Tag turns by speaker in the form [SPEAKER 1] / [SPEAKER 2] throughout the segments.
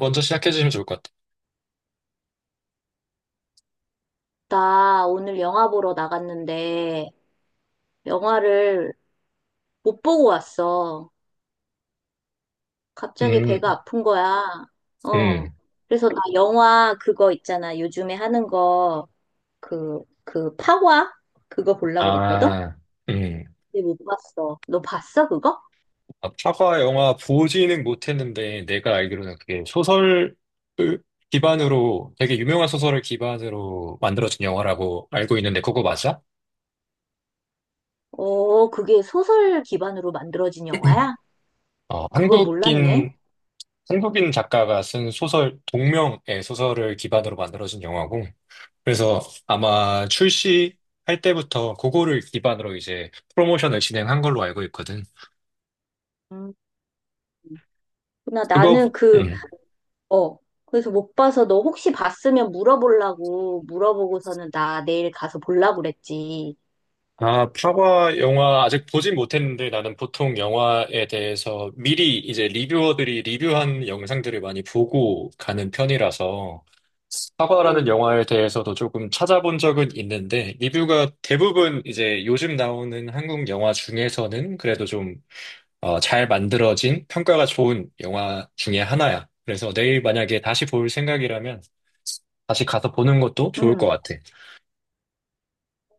[SPEAKER 1] 먼저 시작해 주시면 좋을 것 같아요.
[SPEAKER 2] 나 오늘 영화 보러 나갔는데 영화를 못 보고 왔어. 갑자기 배가
[SPEAKER 1] 음,
[SPEAKER 2] 아픈 거야. 어.
[SPEAKER 1] 음,
[SPEAKER 2] 그래서 나 영화 그거 있잖아. 요즘에 하는 거 그 파과? 그거 보려고 그랬거든?
[SPEAKER 1] 아, 음.
[SPEAKER 2] 근데 못 봤어. 너 봤어, 그거?
[SPEAKER 1] 아, 파과 영화 보지는 못했는데 내가 알기로는 그게 소설을 기반으로 되게 유명한 소설을 기반으로 만들어진 영화라고 알고 있는데 그거 맞아?
[SPEAKER 2] 어, 그게 소설 기반으로 만들어진 영화야?
[SPEAKER 1] 어,
[SPEAKER 2] 그걸 몰랐네.
[SPEAKER 1] 한국인 한국인 작가가 쓴 소설 동명의 소설을 기반으로 만들어진 영화고, 그래서 아마 출시할 때부터 그거를 기반으로 이제 프로모션을 진행한 걸로 알고 있거든.
[SPEAKER 2] 음. 나
[SPEAKER 1] 그거
[SPEAKER 2] 나는 그
[SPEAKER 1] 음.
[SPEAKER 2] 어. 그래서 못 봐서 너 혹시 봤으면 물어보려고 물어보고서는 나 내일 가서 보려고 그랬지.
[SPEAKER 1] 아, 파과 영화 아직 보진 못했는데 나는 보통 영화에 대해서 미리 이제 리뷰어들이 리뷰한 영상들을 많이 보고 가는 편이라서 파과라는
[SPEAKER 2] 응.
[SPEAKER 1] 영화에 대해서도 조금 찾아본 적은 있는데, 리뷰가 대부분 이제 요즘 나오는 한국 영화 중에서는 그래도 좀, 잘 만들어진, 평가가 좋은 영화 중에 하나야. 그래서 내일 만약에 다시 볼 생각이라면 다시 가서 보는 것도 좋을 것
[SPEAKER 2] 응.
[SPEAKER 1] 같아.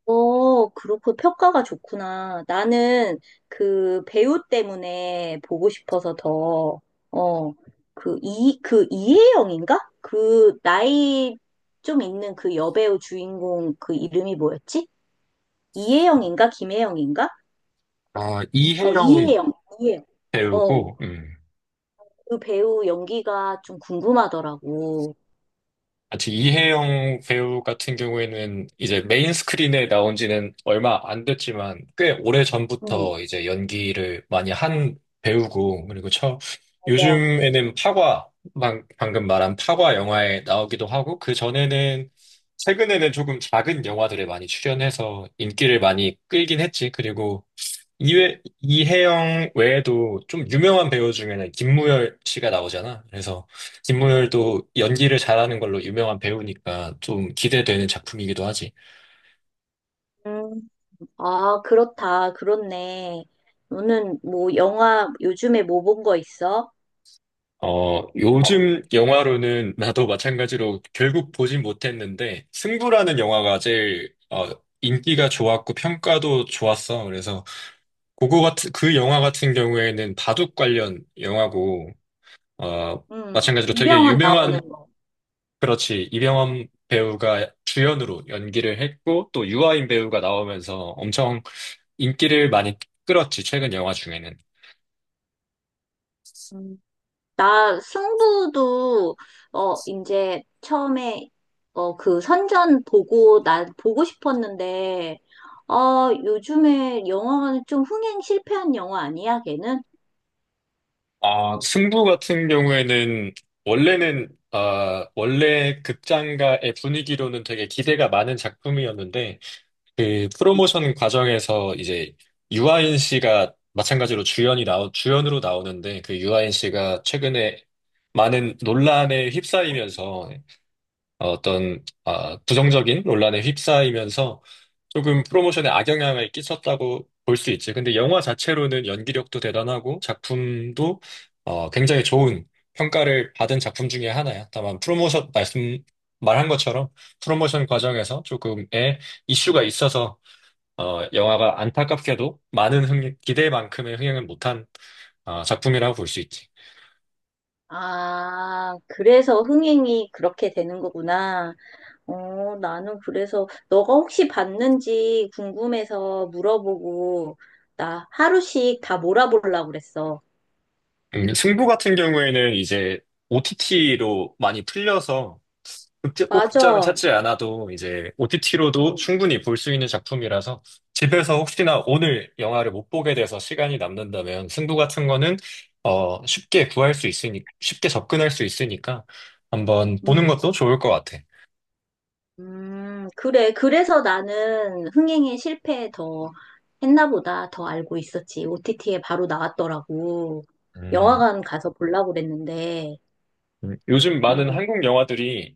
[SPEAKER 2] 어, 그렇고 평가가 좋구나. 나는 그 배우 때문에 보고 싶어서 더, 어, 그 이혜영인가? 그 나이 좀 있는 그 여배우 주인공 그 이름이 뭐였지? 이혜영인가? 김혜영인가?
[SPEAKER 1] 아,
[SPEAKER 2] 어,
[SPEAKER 1] 이혜영
[SPEAKER 2] 이혜영. 이혜영. 어,
[SPEAKER 1] 배우고,
[SPEAKER 2] 그 배우 연기가 좀 궁금하더라고.
[SPEAKER 1] 아직 이혜영 배우 같은 경우에는 이제 메인 스크린에 나온 지는 얼마 안 됐지만 꽤 오래
[SPEAKER 2] 응.
[SPEAKER 1] 전부터 이제 연기를 많이 한 배우고, 그리고 처
[SPEAKER 2] 맞아.
[SPEAKER 1] 요즘에는 파과, 방금 말한 파과 영화에 나오기도 하고, 그 전에는 최근에는 조금 작은 영화들에 많이 출연해서 인기를 많이 끌긴 했지. 그리고 이혜영 외에도 좀 유명한 배우 중에는 김무열 씨가 나오잖아. 그래서 김무열도 연기를 잘하는 걸로 유명한 배우니까 좀 기대되는 작품이기도 하지.
[SPEAKER 2] 음. 아, 그렇다. 그렇네. 너는 뭐 영화 요즘에 뭐 본 거 있어?
[SPEAKER 1] 어, 요즘 영화로는 나도 마찬가지로 결국 보진 못했는데 승부라는 영화가 제일 인기가 좋았고 평가도 좋았어. 그래서 그거 같은 그 영화 같은 경우에는 바둑 관련 영화고, 어,
[SPEAKER 2] 음.
[SPEAKER 1] 마찬가지로 되게
[SPEAKER 2] 이병헌
[SPEAKER 1] 유명한.
[SPEAKER 2] 나오는 거.
[SPEAKER 1] 그렇지, 이병헌 배우가 주연으로 연기를 했고, 또 유아인 배우가 나오면서 엄청 인기를 많이 끌었지, 최근 영화 중에는.
[SPEAKER 2] 음. 나 승부도 어 이제 처음에 어 그 선전 보고 나 보고 싶었는데 어 요즘에 영화관은 좀 흥행 실패한 영화 아니야, 걔는?
[SPEAKER 1] 아, 승부 같은 경우에는, 원래 극장가의 분위기로는 되게 기대가 많은 작품이었는데, 그 프로모션 과정에서 이제 유아인 씨가 마찬가지로 주연으로 나오는데, 그 유아인 씨가 최근에 많은 논란에 휩싸이면서, 부정적인 논란에 휩싸이면서 조금 프로모션에 악영향을 끼쳤다고 볼 수 있지. 근데 영화 자체로는 연기력도 대단하고 작품도 굉장히 좋은 평가를 받은 작품 중에 하나야. 다만 프로모션 말씀 말한 것처럼 프로모션 과정에서 조금의 이슈가 있어서, 영화가 안타깝게도 기대만큼의 흥행을 못한, 작품이라고 볼 수 있지.
[SPEAKER 2] 아, 그래서 흥행이 그렇게 되는 거구나. 어, 나는 그래서 너가 혹시 봤는지 궁금해서 물어보고 나 하루씩 다 몰아보려고 그랬어.
[SPEAKER 1] 승부 같은 경우에는 이제 OTT로 많이 풀려서, 꼭 극장을
[SPEAKER 2] 맞아.
[SPEAKER 1] 찾지 않아도 이제 OTT로도
[SPEAKER 2] 음.
[SPEAKER 1] 충분히 볼 수 있는 작품이라서 집에서 혹시나 오늘 영화를 못 보게 돼서 시간이 남는다면 승부 같은 거는 쉽게 접근할 수 있으니까 한번 보는
[SPEAKER 2] 음,
[SPEAKER 1] 것도 좋을 것 같아.
[SPEAKER 2] 그래. 그래서 나는 흥행에 실패 더 했나 보다 더 알고 있었지. OTT에 바로 나왔더라고.
[SPEAKER 1] 음.
[SPEAKER 2] 영화관 가서 보려고 그랬는데.
[SPEAKER 1] 요즘 많은
[SPEAKER 2] 음.
[SPEAKER 1] 한국 영화들이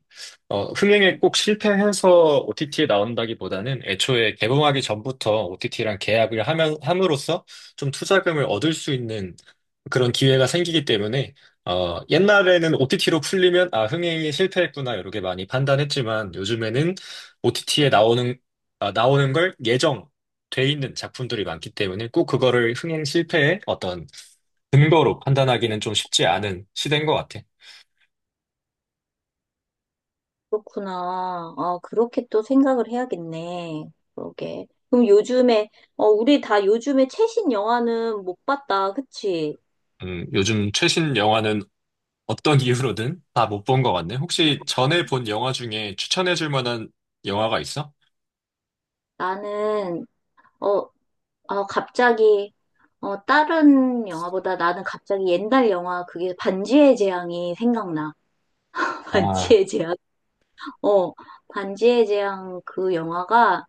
[SPEAKER 1] 흥행에 꼭 실패해서 OTT에 나온다기보다는 애초에 개봉하기 전부터 OTT랑 함으로써 좀 투자금을 얻을 수 있는 그런 기회가 생기기 때문에, 옛날에는 OTT로 풀리면 아, 흥행이 실패했구나 이렇게 많이 판단했지만 요즘에는 OTT에 나오는, 나오는 걸 예정 돼 있는 작품들이 많기 때문에 꼭 그거를 흥행 실패의 어떤 근거로 판단하기는 좀 쉽지 않은 시대인 것 같아요.
[SPEAKER 2] 그렇구나. 아, 그렇게 또 생각을 해야겠네. 그러게. 그럼 요즘에, 어, 우리 다 요즘에 최신 영화는 못 봤다. 그치?
[SPEAKER 1] 요즘 최신 영화는 어떤 이유로든 다 못 본 것 같네. 혹시 전에 본 영화 중에 추천해 줄 만한 영화가 있어?
[SPEAKER 2] 나는, 어, 갑자기, 어, 다른 영화보다 나는 갑자기 옛날 영화, 그게 반지의 제왕이 생각나.
[SPEAKER 1] 아,
[SPEAKER 2] 반지의 제왕? 어, 반지의 제왕 그 영화가,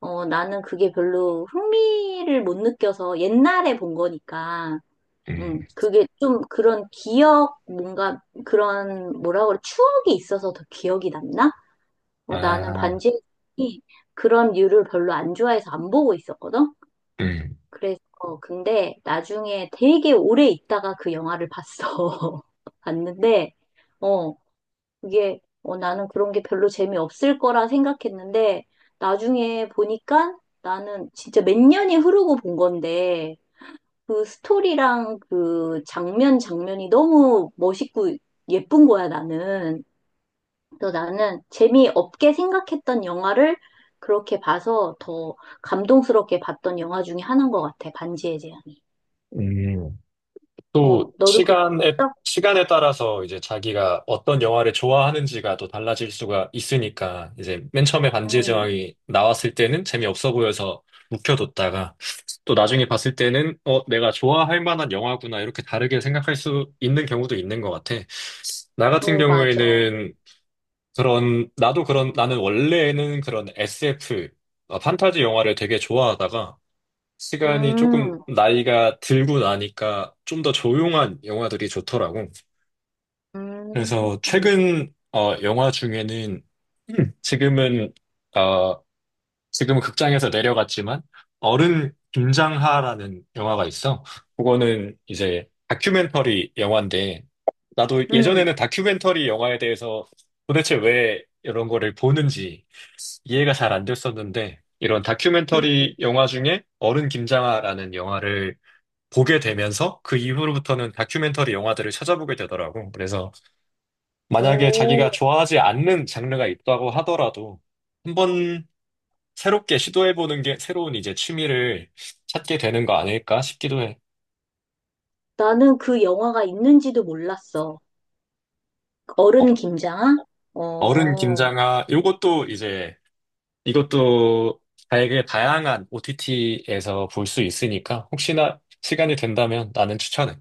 [SPEAKER 2] 어, 나는 그게 별로 흥미를 못 느껴서 옛날에 본 거니까.
[SPEAKER 1] 음,
[SPEAKER 2] 그게 좀 그런 기억, 뭔가 그런 뭐라 그래, 추억이 있어서 더 기억이 남나? 뭐 나는
[SPEAKER 1] 아,
[SPEAKER 2] 반지의 제왕이 그런 류를 별로 안 좋아해서 안 보고 있었거든?
[SPEAKER 1] 음.
[SPEAKER 2] 그래서, 근데 나중에 되게 오래 있다가 그 영화를 봤어. 봤는데, 어, 그게, 어, 나는 그런 게 별로 재미없을 거라 생각했는데, 나중에 보니까 나는 진짜 몇 년이 흐르고 본 건데, 그 스토리랑 그 장면 장면이 너무 멋있고 예쁜 거야, 나는. 또 나는 재미없게 생각했던 영화를 그렇게 봐서 더 감동스럽게 봤던 영화 중에 하나인 것 같아, 반지의 제왕이.
[SPEAKER 1] 음.
[SPEAKER 2] 어,
[SPEAKER 1] 또
[SPEAKER 2] 너도 그거
[SPEAKER 1] 시간에
[SPEAKER 2] 봤어?
[SPEAKER 1] 시간에 따라서 이제 자기가 어떤 영화를 좋아하는지가 또 달라질 수가 있으니까, 이제 맨 처음에 반지의
[SPEAKER 2] 음,
[SPEAKER 1] 제왕이 나왔을 때는 재미없어 보여서 묵혀뒀다가 또 나중에 봤을 때는 어 내가 좋아할 만한 영화구나 이렇게 다르게 생각할 수 있는 경우도 있는 것 같아. 나 같은
[SPEAKER 2] 어, 맞아.
[SPEAKER 1] 경우에는 그런 나도 그런 나는 원래는 그런 SF, 판타지 영화를 되게 좋아하다가 시간이 조금
[SPEAKER 2] 음,
[SPEAKER 1] 나이가 들고 나니까 좀 더 조용한 영화들이 좋더라고.
[SPEAKER 2] 음,
[SPEAKER 1] 그래서
[SPEAKER 2] 음,
[SPEAKER 1] 최근 영화 중에는, 음, 지금은 어, 지금은 극장에서 내려갔지만 어른 김장하라는 영화가 있어. 그거는 이제 다큐멘터리 영화인데, 나도
[SPEAKER 2] 음,
[SPEAKER 1] 예전에는 다큐멘터리 영화에 대해서 도대체 왜 이런 거를 보는지 이해가 잘 안 됐었는데, 이런
[SPEAKER 2] 음.
[SPEAKER 1] 다큐멘터리 영화 중에 어른 김장하라는 영화를 보게 되면서 그 이후로부터는 다큐멘터리 영화들을 찾아보게 되더라고. 그래서 만약에 자기가
[SPEAKER 2] 오,
[SPEAKER 1] 좋아하지 않는 장르가 있다고 하더라도 한번 새롭게 시도해보는 게 새로운 이제 취미를 찾게 되는 거 아닐까 싶기도 해.
[SPEAKER 2] 나는 그 영화가 있는지도 몰랐어.
[SPEAKER 1] 어,
[SPEAKER 2] 어른 김장아?
[SPEAKER 1] 어른
[SPEAKER 2] 어.
[SPEAKER 1] 김장아, 이것도 되게 다양한 OTT에서 볼 수 있으니까 혹시나 시간이 된다면 나는 추천해.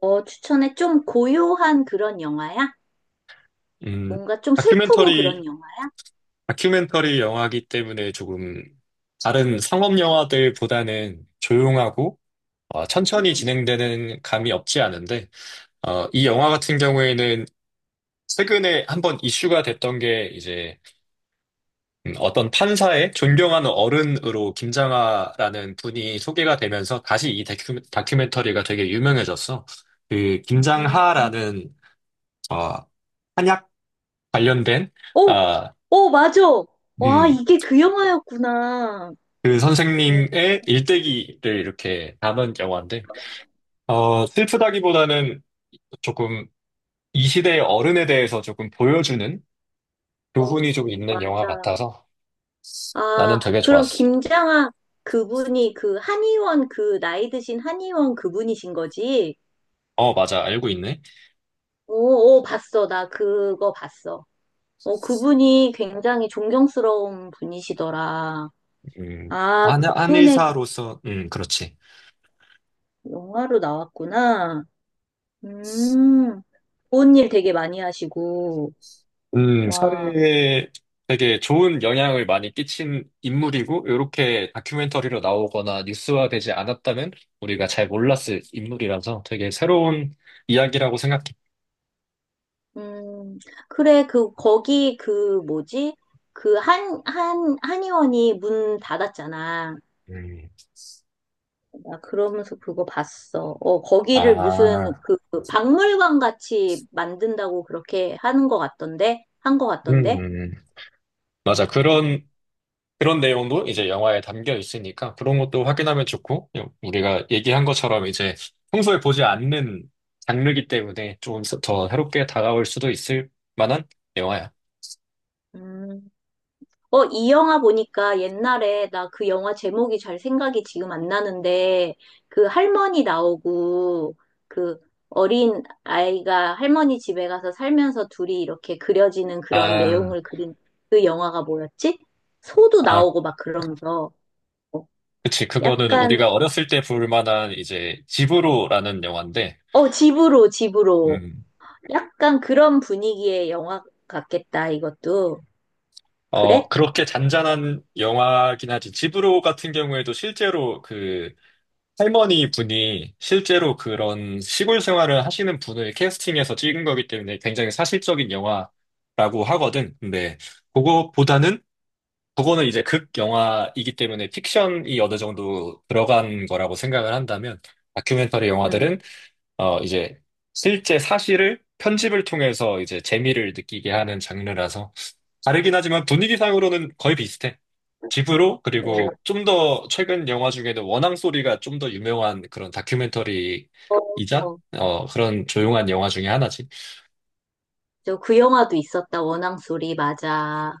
[SPEAKER 2] 어, 추천해. 좀 고요한 그런 영화야?
[SPEAKER 1] 음,
[SPEAKER 2] 뭔가 좀 슬프고 그런
[SPEAKER 1] 다큐멘터리
[SPEAKER 2] 영화야?
[SPEAKER 1] 다큐멘터리 영화이기 때문에 조금 다른 상업 영화들보다는 조용하고, 어, 천천히
[SPEAKER 2] 음.
[SPEAKER 1] 진행되는 감이 없지 않은데, 어, 이 영화 같은 경우에는 최근에 한번 이슈가 됐던 게 이제, 어떤 판사의 존경하는 어른으로 김장하라는 분이 소개가 되면서 다시 이 다큐멘터리가 되게 유명해졌어. 그
[SPEAKER 2] 음.
[SPEAKER 1] 김장하라는 어, 한약 관련된,
[SPEAKER 2] 오,
[SPEAKER 1] 아,
[SPEAKER 2] 오, 맞아. 와,
[SPEAKER 1] 음,
[SPEAKER 2] 이게 그 영화였구나.
[SPEAKER 1] 그
[SPEAKER 2] 어,
[SPEAKER 1] 선생님의 일대기를 이렇게 담은 영화인데, 어, 슬프다기보다는 조금 이 시대의 어른에 대해서 조금 보여주는
[SPEAKER 2] 어,
[SPEAKER 1] 교훈이 좀 있는 영화
[SPEAKER 2] 맞아.
[SPEAKER 1] 같아서
[SPEAKER 2] 아,
[SPEAKER 1] 나는 되게
[SPEAKER 2] 그럼
[SPEAKER 1] 좋았어.
[SPEAKER 2] 김장하 그분이 그 한의원 그 나이 드신 한의원 그분이신 거지?
[SPEAKER 1] 어, 맞아. 알고 있네.
[SPEAKER 2] 오, 오, 봤어. 나 그거 봤어. 어, 그분이 굉장히 존경스러운 분이시더라.
[SPEAKER 1] 음,
[SPEAKER 2] 아,
[SPEAKER 1] 안,
[SPEAKER 2] 그분의
[SPEAKER 1] 안의사로서, 그렇지.
[SPEAKER 2] 영화로 나왔구나. 음, 좋은 일 되게 많이 하시고, 와,
[SPEAKER 1] 사회에 되게 좋은 영향을 많이 끼친 인물이고, 이렇게 다큐멘터리로 나오거나 뉴스화되지 않았다면 우리가 잘 몰랐을 인물이라서 되게 새로운 이야기라고 생각해.
[SPEAKER 2] 음, 그래, 뭐지? 한의원이 문 닫았잖아.
[SPEAKER 1] 음.
[SPEAKER 2] 나 그러면서 그거 봤어. 어, 거기를 무슨,
[SPEAKER 1] 아,
[SPEAKER 2] 그 박물관 같이 만든다고 그렇게 하는 것 같던데? 한 것
[SPEAKER 1] 음,
[SPEAKER 2] 같던데?
[SPEAKER 1] 음. 음. 맞아.
[SPEAKER 2] 어,
[SPEAKER 1] 그런 내용도 이제 영화에 담겨 있으니까 그런 것도 확인하면 좋고, 우리가 얘기한 것처럼 이제 평소에 보지 않는 장르이기 때문에 조금 더 새롭게 다가올 수도 있을 만한 영화야.
[SPEAKER 2] 음. 어, 이 영화 보니까 옛날에 나 그 영화 제목이 잘 생각이 지금 안 나는데 그 할머니 나오고 그 어린 아이가 할머니 집에 가서 살면서 둘이 이렇게 그려지는 그런
[SPEAKER 1] 아,
[SPEAKER 2] 내용을 그린 그 영화가 뭐였지? 소도
[SPEAKER 1] 아,
[SPEAKER 2] 나오고 막 그러면서
[SPEAKER 1] 그치. 그거는
[SPEAKER 2] 약간
[SPEAKER 1] 우리가 어렸을 때 볼 만한 이제 집으로라는 영화인데,
[SPEAKER 2] 어, 집으로
[SPEAKER 1] 음,
[SPEAKER 2] 약간 그런 분위기의 영화 같겠다 이것도 그래?
[SPEAKER 1] 그렇게 잔잔한 영화긴 하지. 집으로 같은 경우에도 실제로 그 할머니 분이 실제로 그런 시골 생활을 하시는 분을 캐스팅해서 찍은 거기 때문에 굉장히 사실적인 영화라고 하거든. 근데 그거보다는, 그거는 이제 극 영화이기 때문에 픽션이 어느 정도 들어간 거라고 생각을 한다면, 다큐멘터리
[SPEAKER 2] 응.
[SPEAKER 1] 영화들은 어 이제 실제 사실을 편집을 통해서 이제 재미를 느끼게 하는 장르라서 다르긴 하지만 분위기상으로는 거의 비슷해. 집으로,
[SPEAKER 2] 어,
[SPEAKER 1] 그리고 좀 더 최근 영화 중에는 원앙 소리가 좀 더 유명한 그런 다큐멘터리이자,
[SPEAKER 2] 어, 어.
[SPEAKER 1] 어, 그런 조용한 영화 중에 하나지.
[SPEAKER 2] 저 그 영화도 있었다 원앙 소리 맞아.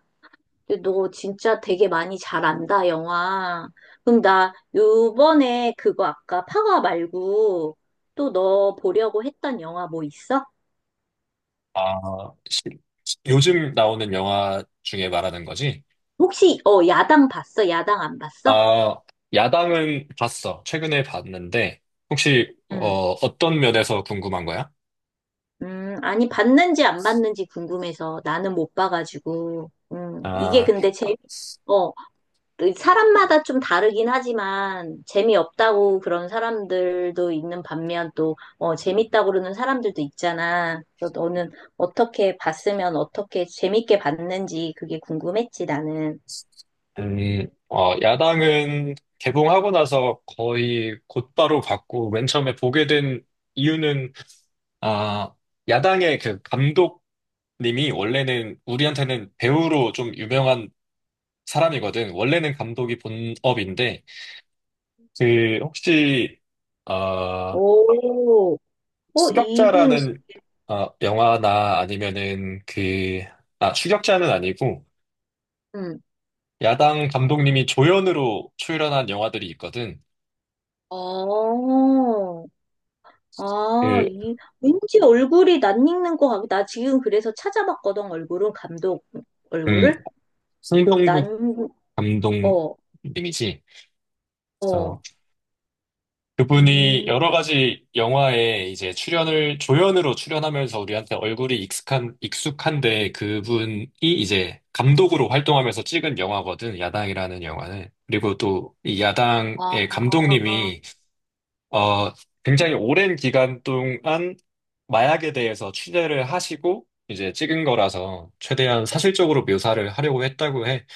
[SPEAKER 2] 근데 너 진짜 되게 많이 잘 안다, 영화. 그럼 나 요번에 그거 아까 파워 말고 또 너 보려고 했던 영화 뭐 있어?
[SPEAKER 1] 아, 시- 요즘 나오는 영화 중에 말하는 거지.
[SPEAKER 2] 혹시, 어, 야당 봤어? 야당 안 봤어?
[SPEAKER 1] 아, 야당은 봤어. 최근에 봤는데, 혹시,
[SPEAKER 2] 응.
[SPEAKER 1] 어, 어떤 면에서 궁금한 거야?
[SPEAKER 2] 아니, 봤는지 안 봤는지 궁금해서 나는 못 봐가지고. 이게
[SPEAKER 1] 아,
[SPEAKER 2] 근데 재미, 어, 그 사람마다 좀 다르긴 하지만 재미없다고 그런 사람들도 있는 반면 또 어, 재밌다고 그러는 사람들도 있잖아. 그래서 너는 어떻게 봤으면 어떻게 재밌게 봤는지 그게 궁금했지, 나는.
[SPEAKER 1] 어, 야당은 개봉하고 나서 거의 곧바로 봤고, 맨 처음에 보게 된 이유는, 아, 야당의 그 감독님이 원래는 우리한테는 배우로 좀 유명한 사람이거든. 원래는 감독이 본업인데, 그, 혹시, 어,
[SPEAKER 2] 오, 어, 이분,
[SPEAKER 1] 추격자라는, 어, 영화나 아니면은 그, 아, 추격자는 아니고,
[SPEAKER 2] 음,
[SPEAKER 1] 야당 감독님이 조연으로 출연한 영화들이 있거든.
[SPEAKER 2] 어, 아,
[SPEAKER 1] 그,
[SPEAKER 2] 이, 왠지 얼굴이 낯익는 거 같아. 나 지금 그래서 찾아봤거든, 얼굴은, 감독
[SPEAKER 1] 음,
[SPEAKER 2] 얼굴을.
[SPEAKER 1] 송병국
[SPEAKER 2] 난, 어,
[SPEAKER 1] 감독님이지.
[SPEAKER 2] 어,
[SPEAKER 1] 그래서 그분이
[SPEAKER 2] 음,
[SPEAKER 1] 여러 가지 영화에 이제 조연으로 출연하면서 우리한테 얼굴이 익숙한데 그분이 이제 감독으로 활동하면서 찍은 영화거든, 야당이라는 영화는. 그리고 또 이 야당의
[SPEAKER 2] 아.
[SPEAKER 1] 감독님이 어, 굉장히 오랜 기간 동안 마약에 대해서 취재를 하시고 이제 찍은 거라서 최대한 사실적으로 묘사를 하려고 했다고 해.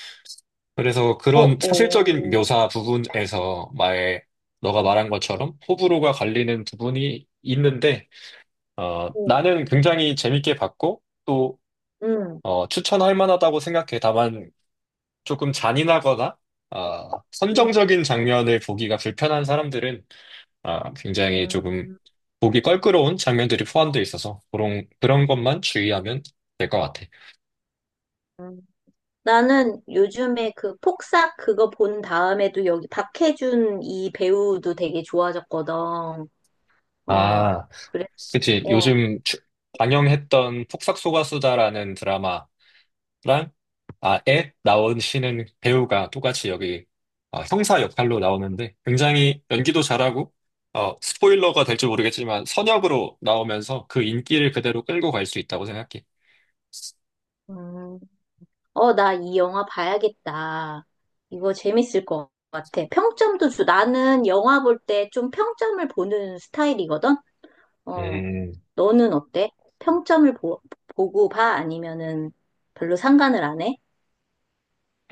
[SPEAKER 1] 그래서
[SPEAKER 2] 어,
[SPEAKER 1] 그런 사실적인
[SPEAKER 2] 어,
[SPEAKER 1] 묘사 부분에서 마에 너가 말한 것처럼 호불호가 갈리는 부분이 있는데, 어,
[SPEAKER 2] 어,
[SPEAKER 1] 나는 굉장히 재밌게 봤고 또
[SPEAKER 2] 음,
[SPEAKER 1] 어, 추천할 만하다고 생각해. 다만 조금 잔인하거나 어,
[SPEAKER 2] 음,
[SPEAKER 1] 선정적인 장면을 보기가 불편한 사람들은 어, 굉장히 조금
[SPEAKER 2] 음,
[SPEAKER 1] 보기 껄끄러운 장면들이 포함되어 있어서 그런 것만 주의하면 될 것 같아.
[SPEAKER 2] 음. 나는 요즘에 그 폭싹 그거 본 다음에도 여기 박해준 이 배우도 되게 좋아졌거든. 어,
[SPEAKER 1] 아,
[SPEAKER 2] 그래서,
[SPEAKER 1] 그치.
[SPEAKER 2] 어,
[SPEAKER 1] 요즘 방영했던 폭삭소가수다라는 드라마랑, 에 나오시는 배우가 똑같이 여기 어, 형사 역할로 나오는데 굉장히 연기도 잘하고, 어, 스포일러가 될지 모르겠지만 선역으로 나오면서 그 인기를 그대로 끌고 갈 수 있다고 생각해.
[SPEAKER 2] 음. 어, 나 이 영화 봐야겠다. 이거 재밌을 것 같아. 평점도 주, 나는 영화 볼 때 좀 평점을 보는 스타일이거든? 어,
[SPEAKER 1] 음.
[SPEAKER 2] 너는 어때? 평점을 보, 보고 봐? 아니면은 별로 상관을 안 해?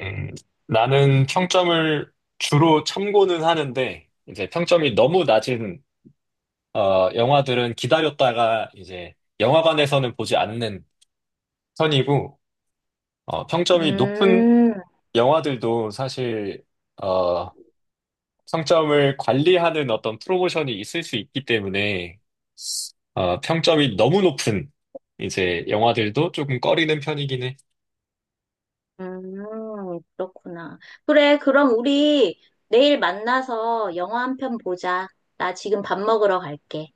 [SPEAKER 1] 음, 나는 평점을 주로 참고는 하는데, 이제 평점이 너무 낮은, 어, 영화들은 기다렸다가 이제 영화관에서는 보지 않는 편이고, 어, 평점이 높은
[SPEAKER 2] 음,
[SPEAKER 1] 영화들도 사실, 어, 평점을 관리하는 어떤 프로모션이 있을 수 있기 때문에, 어, 평점이 너무 높은 이제 영화들도 조금 꺼리는 편이긴 해.
[SPEAKER 2] 그렇구나. 그래, 그럼 우리 내일 만나서 영화 한 편 보자. 나 지금 밥 먹으러 갈게.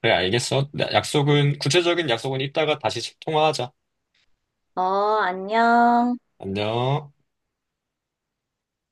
[SPEAKER 1] 그래, 알겠어. 구체적인 약속은 이따가 다시 통화하자.
[SPEAKER 2] 어, 안녕.
[SPEAKER 1] 안녕.